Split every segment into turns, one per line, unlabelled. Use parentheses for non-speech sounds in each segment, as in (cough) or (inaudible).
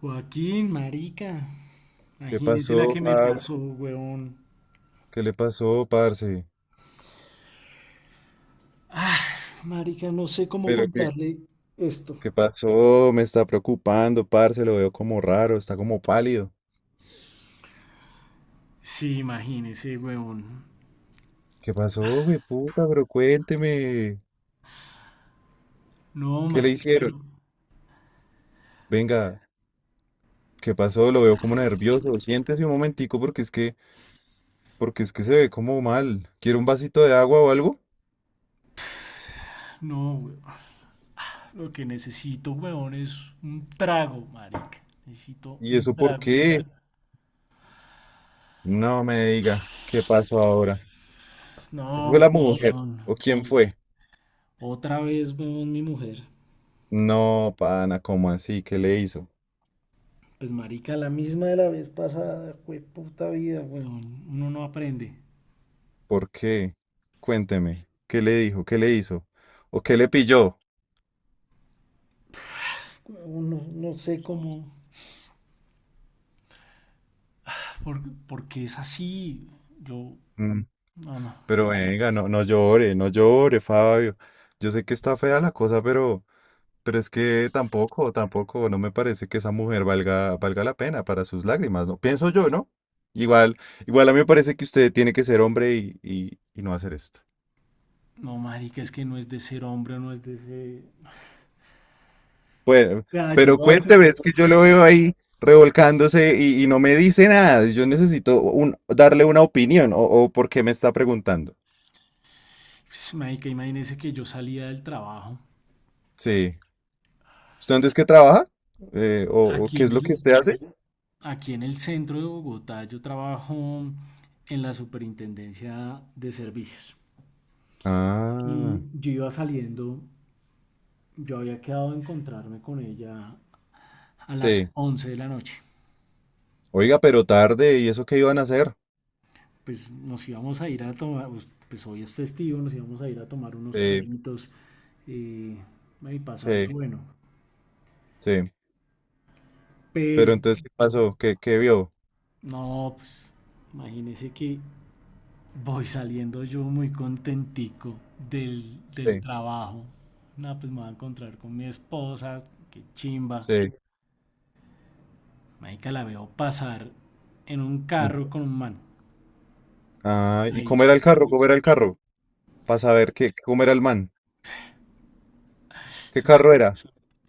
Joaquín, marica.
¿Qué
Imagínese la
pasó,
que me
par?
pasó, weón.
¿Qué le pasó, parce?
Marica, no sé cómo
Pero qué,
contarle esto.
¿qué pasó? Me está preocupando, parce, lo veo como raro, está como pálido.
Sí, imagínese, weón.
¿Qué pasó, güey, puta? Pero cuénteme,
No,
¿qué le
marica, no.
hicieron? (laughs) Venga, ¿qué pasó? Lo veo como nervioso. Siéntese un momentico porque es que se ve como mal. ¿Quiere un vasito de agua o algo?
No, weón. Lo que necesito, weón, es un trago, marica. Necesito
¿Y
un
eso por
trago ya.
qué? No me diga, ¿qué pasó ahora? ¿Fue
No,
la mujer?
weón.
¿O quién fue?
Otra vez, weón, mi mujer.
No, pana, ¿cómo así? ¿Qué le hizo?
Pues, marica, la misma de la vez pasada, fue puta vida, weón. Uno no aprende.
¿Por qué? Cuénteme, ¿qué le dijo? ¿Qué le hizo? ¿O qué le pilló?
Uno no sé cómo. Por, porque es así. Yo,
Mm,
no, no.
Pero venga, no, no llore, no llore, Fabio. Yo sé que está fea la cosa, pero es que tampoco, tampoco, no me parece que esa mujer valga, valga la pena para sus lágrimas, ¿no? Pienso yo, ¿no? Igual, igual a mí me parece que usted tiene que ser hombre y no hacer esto.
No, marica, es que no es de ser hombre, no es de ser.
Bueno,
Vea, yo
pero
lo hago.
cuénteme, es que yo lo veo ahí revolcándose y no me dice nada. Yo necesito un, darle una opinión o por qué me está preguntando.
Pues, marica, imagínese que yo salía del trabajo.
Sí. ¿Usted antes qué trabaja? O
Aquí
qué
en
es lo que
el,
usted hace?
Aquí en el centro de Bogotá, yo trabajo en la Superintendencia de Servicios.
Ah,
Y yo iba saliendo, yo había quedado de encontrarme con ella a las
sí.
11 de la noche.
Oiga, pero tarde, ¿y eso qué iban a hacer?
Pues nos íbamos a ir a tomar, pues, hoy es festivo, nos íbamos a ir a tomar unos
Sí,
traguitos, eh, y pasarla
sí,
bueno.
sí.
Pero,
Pero entonces, ¿qué pasó? ¿Qué, qué vio?
no, pues, imagínese que voy saliendo yo muy contentico del, del
Sí,
trabajo. Nada, pues me voy a encontrar con mi esposa, qué chimba.
sí.
Marica, la veo pasar en un
Mm.
carro con un man.
Ah, ¿y
Ahí
cómo era el carro? ¿Cómo era el carro? Para saber qué, cómo era el man. ¿Qué
su-
carro era?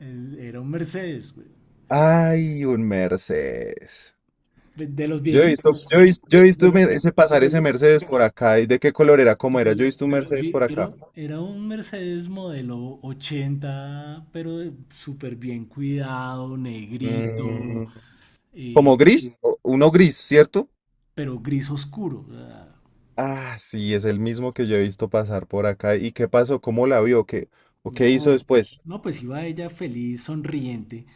era un Mercedes, güey.
Ay, un Mercedes.
De los
Yo he visto,
viejitos.
yo he vis- yo he
De, de
visto, mer- ese pasar ese
los,
Mercedes por acá. ¿Y de qué color era? ¿Cómo
De,
era? Yo he
la-
visto un
de los
Mercedes por
vi-
acá.
Era un Mercedes modelo 80, pero súper bien cuidado, negrito,
Mm,
eh,
como gris, o- uno gris, ¿cierto?
pero gris oscuro. O sea,
Ah, sí, es el mismo que yo he visto pasar por acá. ¿Y qué pasó? ¿Cómo la vio? ¿Qué, o qué hizo
no,
después?
no, pues iba ella feliz, sonriente,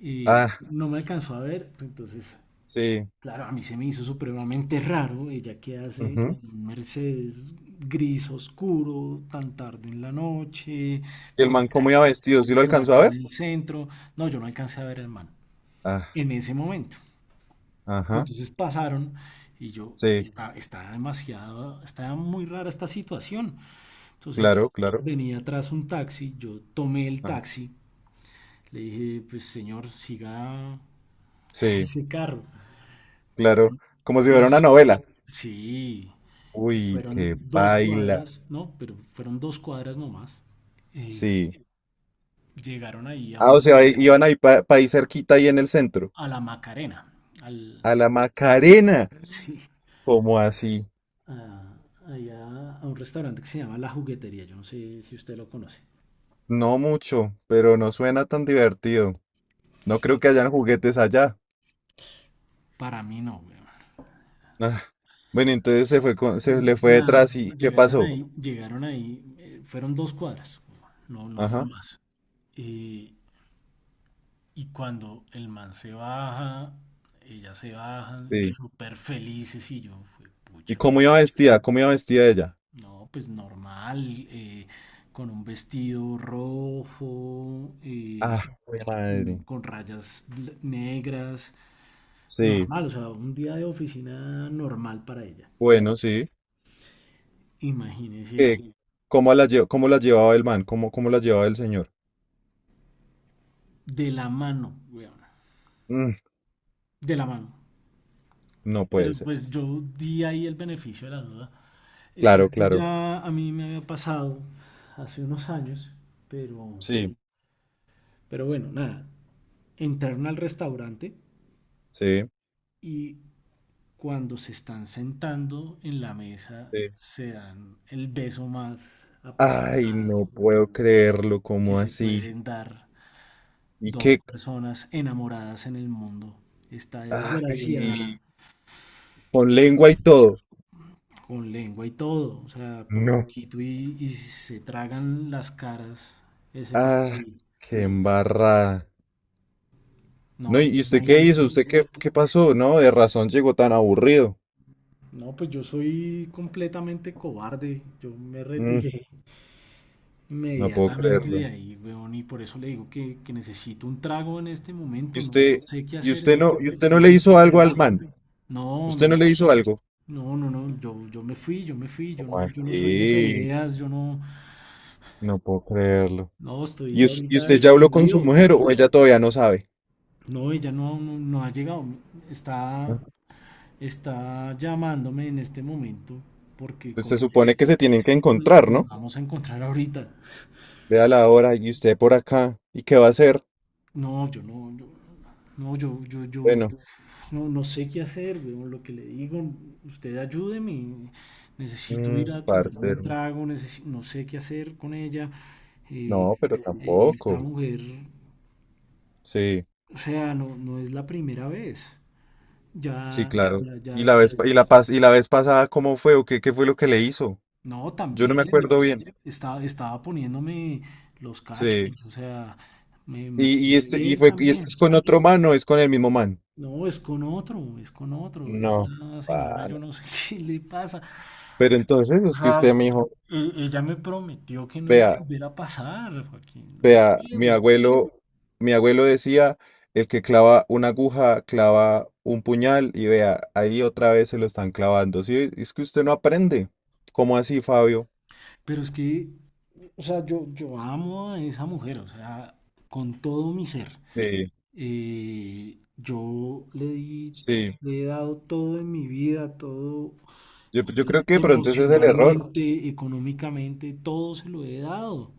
y
Ah,
no me alcanzó a ver. Entonces,
sí.
claro, a mí se me hizo supremamente raro ella que hace
Ujú.
en un Mercedes gris oscuro tan tarde en la noche,
¿Y el
por
man cómo
acá,
iba vestido? ¿Sí lo
por
alcanzó a
acá en
ver?
el centro. No, yo no alcancé a ver al man
Ah,
en ese momento. Pero
ajá.
entonces pasaron y yo,
Sí,
está, está demasiado, está muy rara esta situación. Entonces
claro, claro.
venía atrás un taxi, yo tomé el
Ajá.
taxi, le dije, pues señor, siga (laughs)
Sí,
ese carro.
claro. Como si fuera una
Dos,
novela.
sí, y
Uy,
fueron
qué
dos
baila.
cuadras, no, pero fueron 2 cuadras nomás. Eh,
Sí.
Llegaron ahí
Ah, o sea, i- iban ahí para ahí cerquita, ahí en el centro.
a la Macarena, al,
A la Macarena.
(laughs) sí,
¿Cómo así?
a, allá a un restaurante que se llama La Juguetería. Yo no sé si usted lo conoce.
No mucho, pero no suena tan divertido. No creo que hayan juguetes allá.
Para mí no, weón.
Ah, bueno, entonces se fue con- se
Entonces,
le fue
nada,
detrás y ¿qué
llegaron
pasó?
ahí, llegaron ahí, fueron 2 cuadras, no, no fue
Ajá.
más. Eh, y cuando el man se baja, ella se baja,
Sí.
súper felices y yo, fue
¿Y
pucha,
cómo
pero
iba vestida? ¿Cómo iba vestida ella?
no, pues normal, eh, con un vestido rojo,
Ah, jue madre.
con rayas negras.
Sí.
Normal, o sea, un día de oficina normal para ella.
Bueno, sí.
Imagínese,
Eh, ¿Cómo la lle- cómo la llevaba el man? ¿Cómo, cómo la llevaba el señor?
de la mano, weón,
Mm,
de la mano.
no
Pero
puede ser.
pues yo di ahí el beneficio de la duda.
Claro,
Esto
claro.
ya a mí me había pasado hace unos años, pero,
Sí,
pero bueno, nada. Entraron al restaurante
sí,
y cuando se están sentando en la mesa
sí.
se dan el beso más
Ay,
apasionado
no puedo creerlo,
que
¿cómo
se
así?
pueden dar
¿Y
dos
qué?
personas enamoradas en el mundo. Está desgraciada
Ay, con lengua y todo.
con lengua y todo. O sea, por
No.
poquito y se tragan las caras ese par.
Ah, qué embarrada.
No,
No,
pues
y usted qué
imagínense.
hizo? ¿Usted qué, qué pasó? No, de razón llegó tan aburrido.
No, pues yo soy completamente cobarde. Yo me
Mm,
retiré
no puedo
inmediatamente de
creerlo.
ahí, weón. Y por eso le digo que necesito un trago en este
¿Y
momento. No, no
usted,
sé qué hacer.
y
Estoy,
usted no
estoy
le hizo algo al
desesperado.
man?
No,
¿Usted no
no,
le hizo algo?
no, no, no, yo me fui, yo
¿Cómo
no, yo no soy de
así?
peleas, yo no,
No puedo creerlo.
no, estoy
¿Y, us- y
ahorita
usted ya habló con su
destruido.
mujer o ella todavía no sabe?
No, ella no, no, no ha llegado, está,
Ah,
está llamándome en este momento, porque
pues
como
se
le
supone
decía,
que se tienen que encontrar,
nos
¿no?
vamos a encontrar ahorita.
Vea la hora y usted por acá. ¿Y qué va a hacer?
No, yo no, yo, no, yo
Bueno,
no, no sé qué hacer, weón. Lo que le digo, usted ayúdeme, y necesito ir
mm,
a tomarme un
parcero.
trago, no sé qué hacer con ella. eh,
No, pero
Esta
tampoco.
mujer,
Sí.
o sea, no, no es la primera vez.
Sí,
Ya,
claro.
ya,
¿Y la
ya,
vez, pa- y la pas- y la vez pasada cómo fue o qué, qué fue lo que le hizo?
no,
Yo no me acuerdo
también
bien.
estaba poniéndome los
Sí.
cachos, o sea, me fue
Y este, y
infiel
fue, y este es
también.
con otro man o es con el mismo man.
No, es con otro, es con otro.
No.
Esta señora, yo
Pana.
no sé (laughs) qué le pasa.
Pero entonces
O
es que
sea,
usted me dijo,
ella me prometió que no iba a
vea,
volver a pasar, Joaquín. No
vea,
sé, güey.
mi abuelo decía, el que clava una aguja, clava un puñal, y vea, ahí otra vez se lo están clavando. Sí, es que usted no aprende. ¿Cómo así, Fabio?
Pero es que, o sea, yo amo a esa mujer, o sea, con todo mi ser.
Sí,
Eh, yo le di,
sí.
Le he dado todo en mi vida, todo
Yo
eh,
creo que de pronto ese es el error.
emocionalmente, económicamente, todo se lo he dado.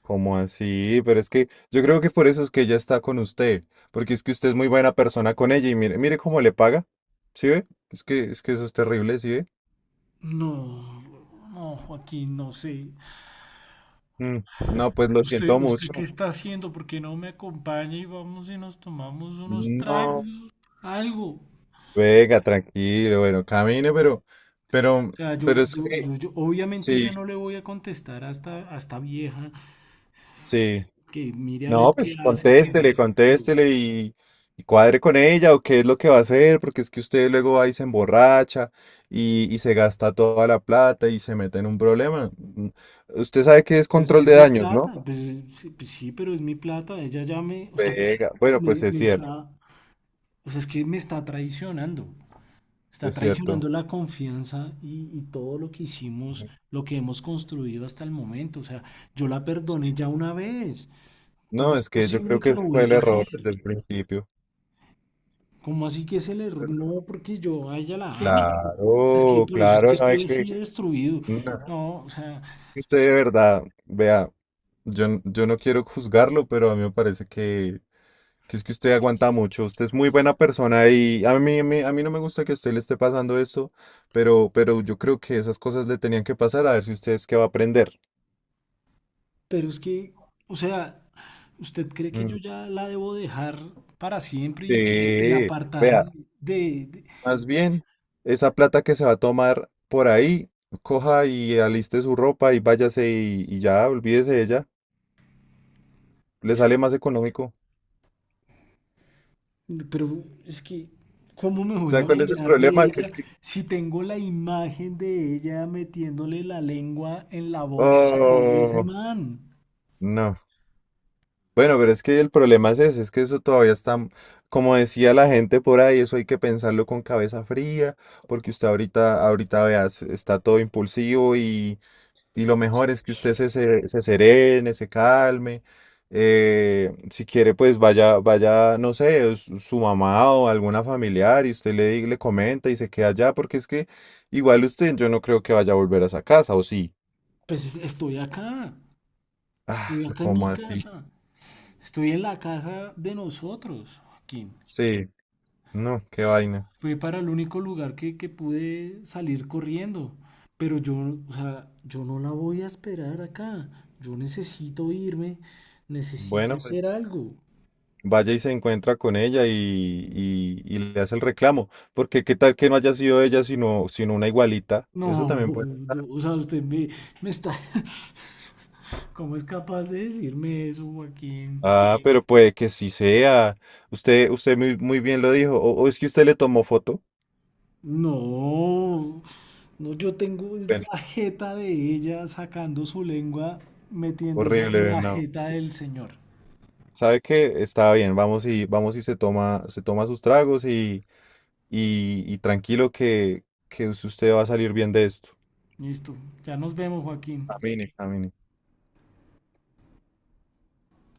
¿Cómo así? Pero es que yo creo que por eso es que ella está con usted, porque es que usted es muy buena persona con ella y mire, mire cómo le paga. ¿Sí ve? Es que eso es terrible, ¿sí ve?
No, no, Joaquín, no sé.
Mm, no, pues lo
¿Usted,
siento
usted
mucho.
qué está haciendo? ¿Por qué no me acompaña y vamos y nos tomamos unos tragos,
No.
algo? O
Venga, tranquilo, bueno, camine, pero,
sea, yo,
pero es
yo,
que,
yo, yo obviamente
sí,
ya no le voy a contestar hasta vieja
sí.
que mire a ver
No,
qué
pues
hace,
contéstele, contéstele y cuadre con ella o qué es lo que va a hacer, porque es que usted luego va y se emborracha y se gasta toda la plata y se mete en un problema. Mm, usted sabe que es
pero es que
control
es
de
mi
daños, ¿no?
plata, pues sí, pero es mi plata, ella ya me, o sea,
Pega. Bueno, pues
me,
es
me
cierto,
está, o sea, es que me está
es cierto.
traicionando la confianza y todo lo que hicimos, lo que hemos construido hasta el momento, o sea, yo la perdoné
Sí.
ya una vez. ¿Cómo
No,
es
es que yo
posible
creo que
que lo
ese fue el
vuelva a
error
hacer?
desde el principio.
¿Cómo así que es el error? No, porque yo a ella la amo. Es que
Claro,
por eso es que
claro, no hay
estoy
que...
así de destruido.
No,
No, o sea,
es que usted de verdad, vea, yo, n- yo no quiero juzgarlo, pero a mí me parece que... Que es que usted aguanta mucho, usted es muy buena persona y a mí, a mí, a mí no me gusta que a usted le esté pasando esto, pero yo creo que esas cosas le tenían que pasar a ver si usted es que va a aprender.
pero es que, o sea, ¿usted cree que yo
Mm,
ya la debo dejar para siempre y
sí, vea.
apartarme de, de-
Más bien, esa plata que se va a tomar por ahí, coja y aliste su ropa y váyase y ya, olvídese de ella. Le sale más económico.
Pero es que, ¿cómo me voy a
¿Sabe cuál es el
olvidar de
problema? Que
ella
es que...
si tengo la imagen de ella metiéndole la lengua en la boca de ese
Oh,
man?
no. Bueno, pero es que el problema es ese, es que eso todavía está, como decía la gente por ahí, eso hay que pensarlo con cabeza fría, porque usted ahorita, ahorita veas, está todo impulsivo y lo mejor es que usted se serene, se calme. Si quiere, pues vaya, vaya, no sé, su su mamá o alguna familiar y usted le, di- le comenta y se queda allá, porque es que igual usted, yo no creo que vaya a volver a esa casa, ¿o sí?
Pues estoy acá.
Ah,
Estoy acá en mi
¿cómo así?
casa. Estoy en la casa de nosotros, Joaquín.
Sí, no, qué vaina.
Fue para el único lugar que pude salir corriendo. Pero yo, o sea, yo no la voy a esperar acá. Yo necesito irme. Necesito
Bueno,
hacer algo.
vaya y se encuentra con ella y le hace el reclamo. Porque qué tal que no haya sido ella, sino, sino una igualita. Eso
No,
también puede.
no, o sea, usted me está... (laughs) ¿Cómo es capaz de decirme eso, Joaquín?
Ah, sí, pero puede que sí sea. Usted, usted muy, muy bien lo dijo. O es que usted le tomó foto.
No, no, yo tengo es
Bueno,
la jeta de ella sacando su lengua, metiéndose en
horrible,
la
no.
jeta del señor.
Sabe que está bien, vamos y vamos y se toma sus tragos y tranquilo que usted va a salir bien de esto.
Listo, ya nos vemos, Joaquín.
Camine, camine.